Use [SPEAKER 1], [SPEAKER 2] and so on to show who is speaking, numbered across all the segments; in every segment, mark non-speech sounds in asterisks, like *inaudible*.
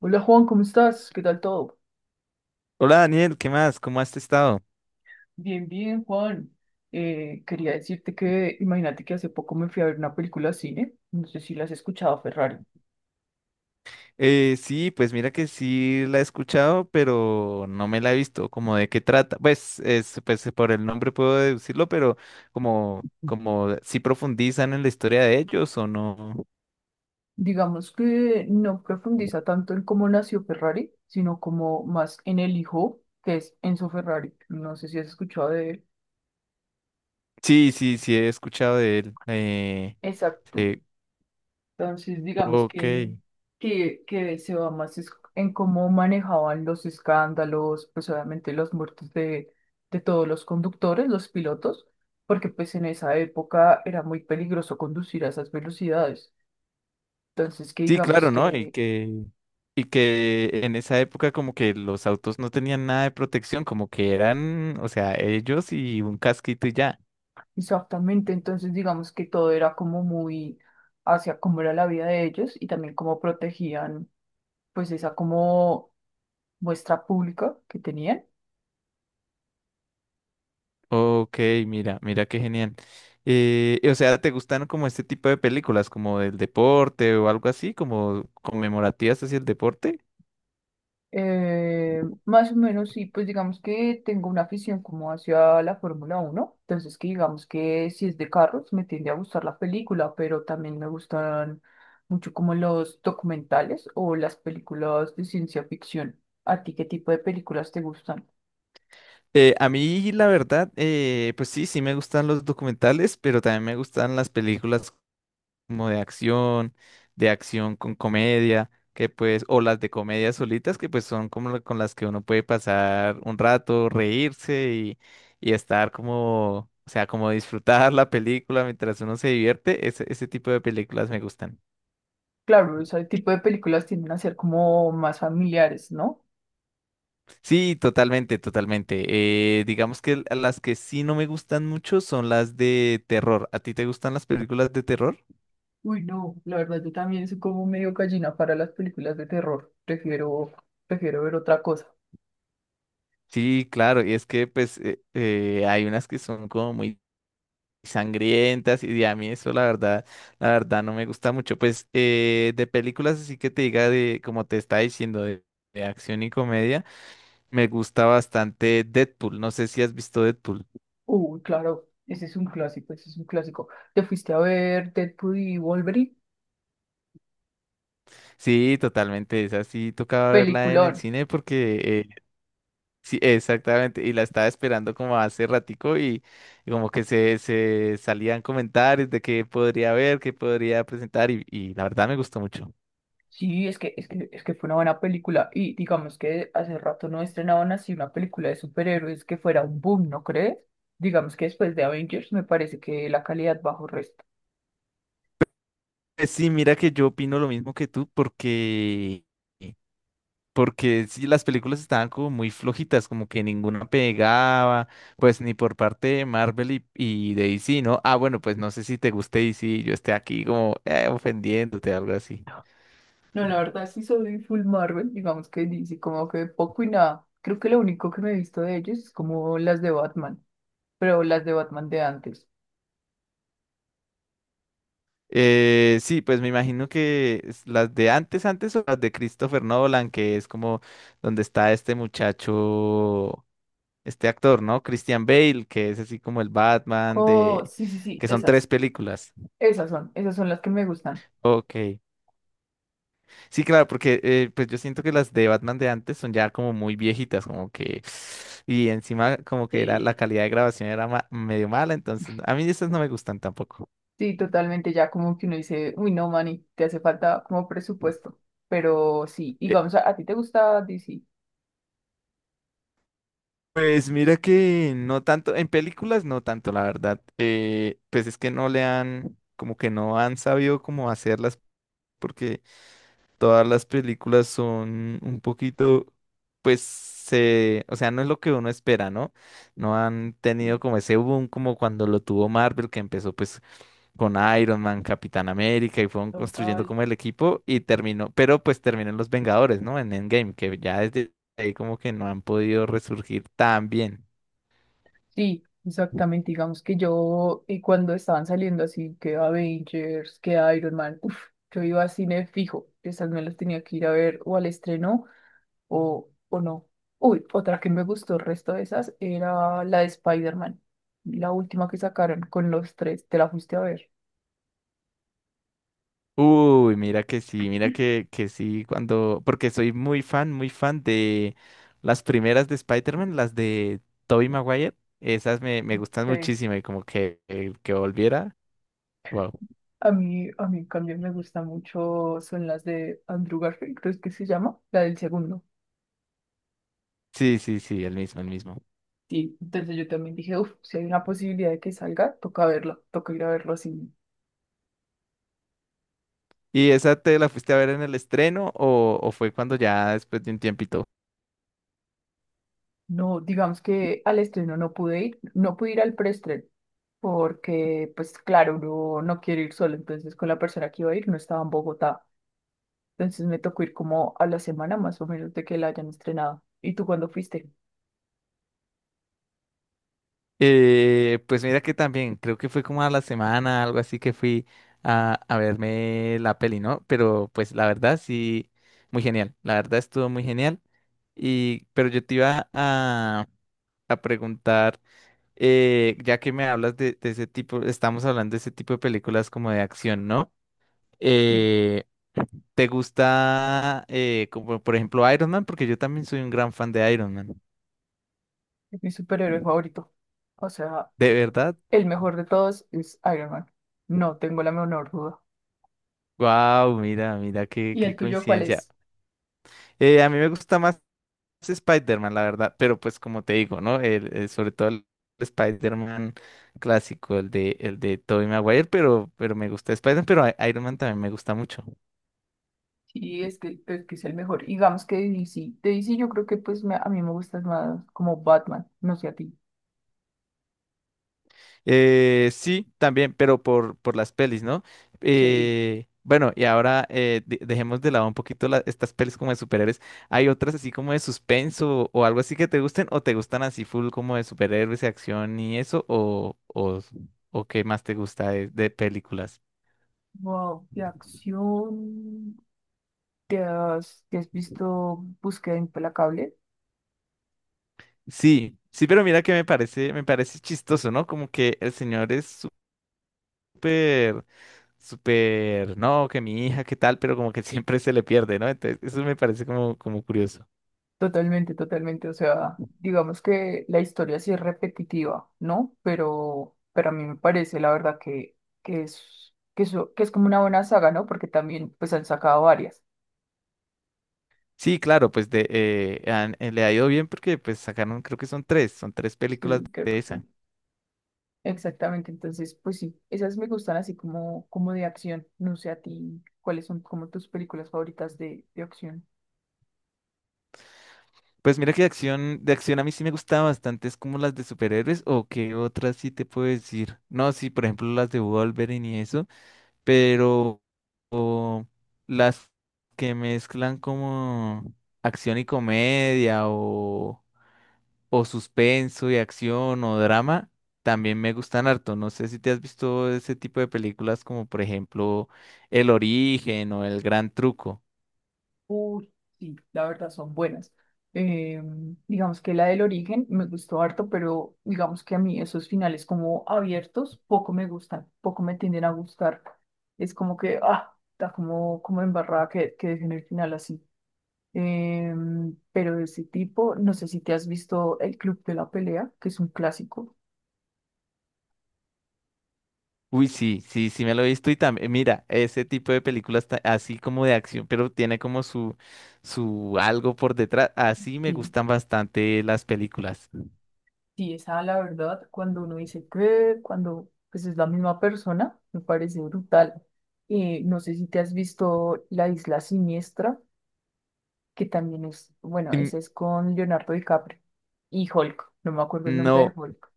[SPEAKER 1] Hola Juan, ¿cómo estás? ¿Qué tal todo?
[SPEAKER 2] Hola Daniel, ¿qué más? ¿Cómo has estado?
[SPEAKER 1] Bien, bien, Juan. Quería decirte que, imagínate que hace poco me fui a ver una película al cine, no sé si la has escuchado, Ferrari.
[SPEAKER 2] Sí, pues mira que sí la he escuchado, pero no me la he visto. ¿Como de qué trata? Pues, es, pues por el nombre puedo deducirlo, pero como, como si profundizan en la historia de ellos o no.
[SPEAKER 1] Digamos que no profundiza tanto en cómo nació Ferrari, sino como más en el hijo que es Enzo Ferrari. No sé si has escuchado de él.
[SPEAKER 2] Sí, sí, sí he escuchado de él.
[SPEAKER 1] Exacto.
[SPEAKER 2] Eh,
[SPEAKER 1] Entonces, digamos
[SPEAKER 2] ok.
[SPEAKER 1] que, que se va más en cómo manejaban los escándalos, pues obviamente las muertes de todos los conductores, los pilotos, porque pues en esa época era muy peligroso conducir a esas velocidades. Entonces, que
[SPEAKER 2] Sí,
[SPEAKER 1] digamos
[SPEAKER 2] claro, ¿no?
[SPEAKER 1] que,
[SPEAKER 2] Y que en esa época como que los autos no tenían nada de protección, como que eran, o sea, ellos y un casquito y ya.
[SPEAKER 1] exactamente, entonces digamos que todo era como muy hacia cómo era la vida de ellos y también cómo protegían pues esa como muestra pública que tenían.
[SPEAKER 2] Ok, mira, mira qué genial. O sea, ¿te gustan como este tipo de películas, como del deporte o algo así, como conmemorativas hacia el deporte?
[SPEAKER 1] Más o menos, sí, pues digamos que tengo una afición como hacia la Fórmula uno, entonces que digamos que si es de carros me tiende a gustar la película, pero también me gustan mucho como los documentales o las películas de ciencia ficción. ¿A ti qué tipo de películas te gustan?
[SPEAKER 2] A mí, la verdad, pues sí, sí me gustan los documentales, pero también me gustan las películas como de acción con comedia, que pues, o las de comedia solitas, que pues son como con las que uno puede pasar un rato, reírse y estar como, o sea, como disfrutar *laughs* la película mientras uno se divierte, ese tipo de películas me gustan.
[SPEAKER 1] Claro, ese tipo de películas tienden a ser como más familiares, ¿no?
[SPEAKER 2] Sí, totalmente, totalmente. Digamos que las que sí no me gustan mucho son las de terror. ¿A ti te gustan las películas de terror?
[SPEAKER 1] Uy, no, la verdad yo también soy como medio gallina para las películas de terror, prefiero, prefiero ver otra cosa.
[SPEAKER 2] Sí, claro, y es que pues hay unas que son como muy sangrientas y a mí eso la verdad no me gusta mucho. Pues de películas así que te diga de, como te está diciendo, de acción y comedia, me gusta bastante Deadpool. No sé si has visto Deadpool.
[SPEAKER 1] Uy, claro, ese es un clásico, ese es un clásico. ¿Te fuiste a ver Deadpool y Wolverine?
[SPEAKER 2] Sí, totalmente, esa sí tocaba verla en el
[SPEAKER 1] Peliculón.
[SPEAKER 2] cine porque sí, exactamente, y la estaba esperando como hace ratico y como que se salían comentarios de qué podría ver, qué podría presentar y la verdad me gustó mucho.
[SPEAKER 1] Sí, es que fue una buena película. Y digamos que hace rato no estrenaban así una película de superhéroes que fuera un boom, ¿no crees? Digamos que después de Avengers me parece que la calidad bajó resto.
[SPEAKER 2] Pues sí, mira que yo opino lo mismo que tú porque, eh, porque sí, las películas estaban como muy flojitas, como que ninguna pegaba, pues ni por parte de Marvel y de DC, ¿no? Ah, bueno, pues no sé si te guste DC, yo esté aquí como ofendiéndote, algo así.
[SPEAKER 1] No, la verdad sí soy full Marvel, digamos que dice como que poco y nada. Creo que lo único que me he visto de ellos es como las de Batman, pero las de Batman de antes.
[SPEAKER 2] Sí, pues me imagino que es las de antes, antes o las de Christopher Nolan, que es como donde está este muchacho, este actor, ¿no? Christian Bale, que es así como el Batman
[SPEAKER 1] Oh,
[SPEAKER 2] de...
[SPEAKER 1] sí, sí, sí,
[SPEAKER 2] que son tres
[SPEAKER 1] esas.
[SPEAKER 2] películas.
[SPEAKER 1] Esas son las que me gustan.
[SPEAKER 2] Ok. Sí, claro, porque pues yo siento que las de Batman de antes son ya como muy viejitas, como que... Y encima como que era la
[SPEAKER 1] Sí.
[SPEAKER 2] calidad de grabación era medio mala, entonces a mí esas no me gustan tampoco.
[SPEAKER 1] Sí, totalmente, ya como que uno dice, uy, no, manny te hace falta como presupuesto. Pero sí, digamos, ¿a ti te gusta DC?
[SPEAKER 2] Pues mira que no tanto, en películas no tanto, la verdad. Pues es que no le han, como que no han sabido cómo hacerlas, porque todas las películas son un poquito, pues se, o sea, no es lo que uno espera, ¿no? No han
[SPEAKER 1] Sí,
[SPEAKER 2] tenido como ese boom como cuando lo tuvo Marvel, que empezó pues con Iron Man, Capitán América y fueron construyendo
[SPEAKER 1] total.
[SPEAKER 2] como el equipo y terminó, pero pues terminó en Los Vengadores, ¿no? En Endgame, que ya desde ahí como que no han podido resurgir tan bien.
[SPEAKER 1] Sí, exactamente, digamos que yo, y cuando estaban saliendo así, que Avengers, que Iron Man, uff, yo iba a cine fijo, esas me las tenía que ir a ver o al estreno o no. Uy, otra que me gustó, el resto de esas, era la de Spider-Man, la última que sacaron con los tres, ¿te la fuiste a ver?
[SPEAKER 2] Uy, mira que sí, cuando, porque soy muy fan de las primeras de Spider-Man, las de Tobey Maguire, esas me, me gustan
[SPEAKER 1] Ok.
[SPEAKER 2] muchísimo y como que volviera, wow.
[SPEAKER 1] A mí también me gusta mucho, son las de Andrew Garfield, creo que se llama, la del segundo.
[SPEAKER 2] Sí, sí, sí, el mismo, el mismo.
[SPEAKER 1] Sí, entonces yo también dije, uff, si hay una posibilidad de que salga, toca verlo, toca ir a verlo así.
[SPEAKER 2] ¿Y esa te la fuiste a ver en el estreno o fue cuando ya después de un tiempito?
[SPEAKER 1] No, digamos que al estreno no pude ir, no pude ir al preestreno, porque, pues claro, uno no quiere ir solo, entonces con la persona que iba a ir no estaba en Bogotá. Entonces me tocó ir como a la semana más o menos de que la hayan estrenado. ¿Y tú cuándo fuiste?
[SPEAKER 2] Pues mira que también, creo que fue como a la semana, algo así que fui a verme la peli, ¿no? Pero pues la verdad sí, muy genial, la verdad estuvo muy genial. Y, pero yo te iba a preguntar, ya que me hablas de ese tipo, estamos hablando de ese tipo de películas como de acción, ¿no? Eh, ¿Te gusta, como por ejemplo, Iron Man? Porque yo también soy un gran fan de Iron Man.
[SPEAKER 1] Es mi superhéroe favorito. O sea,
[SPEAKER 2] ¿De verdad?
[SPEAKER 1] el mejor de todos es Iron Man. No tengo la menor duda.
[SPEAKER 2] Wow, mira, mira, qué,
[SPEAKER 1] ¿Y
[SPEAKER 2] qué
[SPEAKER 1] el tuyo cuál
[SPEAKER 2] coincidencia.
[SPEAKER 1] es?
[SPEAKER 2] A mí me gusta más Spider-Man, la verdad, pero pues como te digo, ¿no? Sobre todo el Spider-Man clásico, el de Tobey Maguire, pero me gusta Spider-Man, pero Iron Man también me gusta mucho.
[SPEAKER 1] Sí, es que es el mejor. Digamos que de DC. De DC yo creo que a mí me gusta más como Batman. No sé a ti.
[SPEAKER 2] Sí, también, pero por las pelis, ¿no?
[SPEAKER 1] Sí.
[SPEAKER 2] Bueno, y ahora dejemos de lado un poquito estas pelis como de superhéroes. ¿Hay otras así como de suspenso o algo así que te gusten o te gustan así full como de superhéroes y acción y eso o qué más te gusta de películas?
[SPEAKER 1] Wow, de acción. ¿Te has visto Búsqueda Implacable?
[SPEAKER 2] Sí, sí, pero mira que me parece chistoso, ¿no? Como que el señor es súper, súper, no, que mi hija, qué tal, pero como que *laughs* siempre se le pierde, ¿no? Entonces, eso me parece como, como curioso.
[SPEAKER 1] Totalmente, totalmente. O sea, digamos que la historia sí es repetitiva, ¿no? Pero a mí me parece, la verdad, que, que es como una buena saga, ¿no? Porque también, pues, han sacado varias.
[SPEAKER 2] Sí, claro, pues de, le ha ido bien porque pues sacaron, creo que son tres películas
[SPEAKER 1] Sí, creo
[SPEAKER 2] de
[SPEAKER 1] que
[SPEAKER 2] esa.
[SPEAKER 1] son. Exactamente. Entonces, pues sí, esas me gustan así como, como de acción. No sé a ti, ¿cuáles son como tus películas favoritas de acción?
[SPEAKER 2] Pues mira que de acción a mí sí me gustaba bastante, es como las de superhéroes o qué otras sí te puedo decir. No, sí, por ejemplo las de Wolverine y eso, pero o las que mezclan como acción y comedia o suspenso y acción o drama, también me gustan harto. No sé si te has visto ese tipo de películas como por ejemplo El Origen o El Gran Truco.
[SPEAKER 1] Uy, sí, la verdad son buenas. Eh, digamos que la del origen me gustó harto, pero digamos que a mí esos finales como abiertos poco me gustan, poco me tienden a gustar. Es como que, ah, está como, como embarrada que dejen el final así. Eh, pero de ese tipo, no sé si te has visto El Club de la Pelea, que es un clásico.
[SPEAKER 2] Uy, sí, sí, sí me lo he visto y también, mira, ese tipo de películas así como de acción, pero tiene como su algo por detrás. Así me
[SPEAKER 1] Sí.
[SPEAKER 2] gustan bastante las películas.
[SPEAKER 1] Sí, esa la verdad, cuando uno dice que, cuando pues es la misma persona, me parece brutal. No sé si te has visto La Isla Siniestra, que también es, bueno,
[SPEAKER 2] Mm,
[SPEAKER 1] esa es con Leonardo DiCaprio y Hulk, no me acuerdo el nombre de
[SPEAKER 2] no.
[SPEAKER 1] Hulk.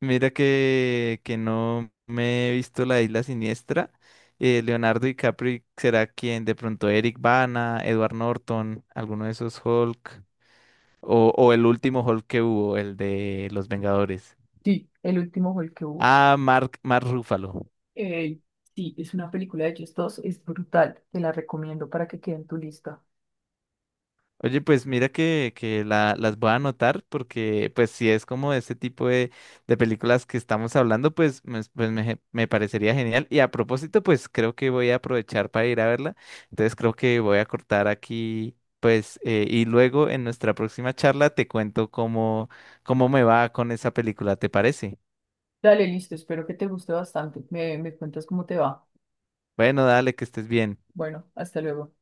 [SPEAKER 2] Mira que no me he visto La Isla Siniestra. Leonardo DiCaprio será quien, de pronto Eric Bana, Edward Norton, alguno de esos Hulk, o el último Hulk que hubo, el de Los Vengadores.
[SPEAKER 1] Sí, el último Hulk que hubo.
[SPEAKER 2] Ah, Mark, Mark Ruffalo.
[SPEAKER 1] Eh, sí, es una película de ellos dos, es brutal, te la recomiendo para que quede en tu lista.
[SPEAKER 2] Oye, pues mira que las voy a anotar porque pues si es como este tipo de películas que estamos hablando, pues me parecería genial. Y a propósito, pues creo que voy a aprovechar para ir a verla. Entonces creo que voy a cortar aquí, pues, y luego en nuestra próxima charla te cuento cómo, cómo me va con esa película, ¿te parece?
[SPEAKER 1] Dale, listo, espero que te guste bastante. Me cuentas cómo te va.
[SPEAKER 2] Bueno, dale, que estés bien.
[SPEAKER 1] Bueno, hasta luego.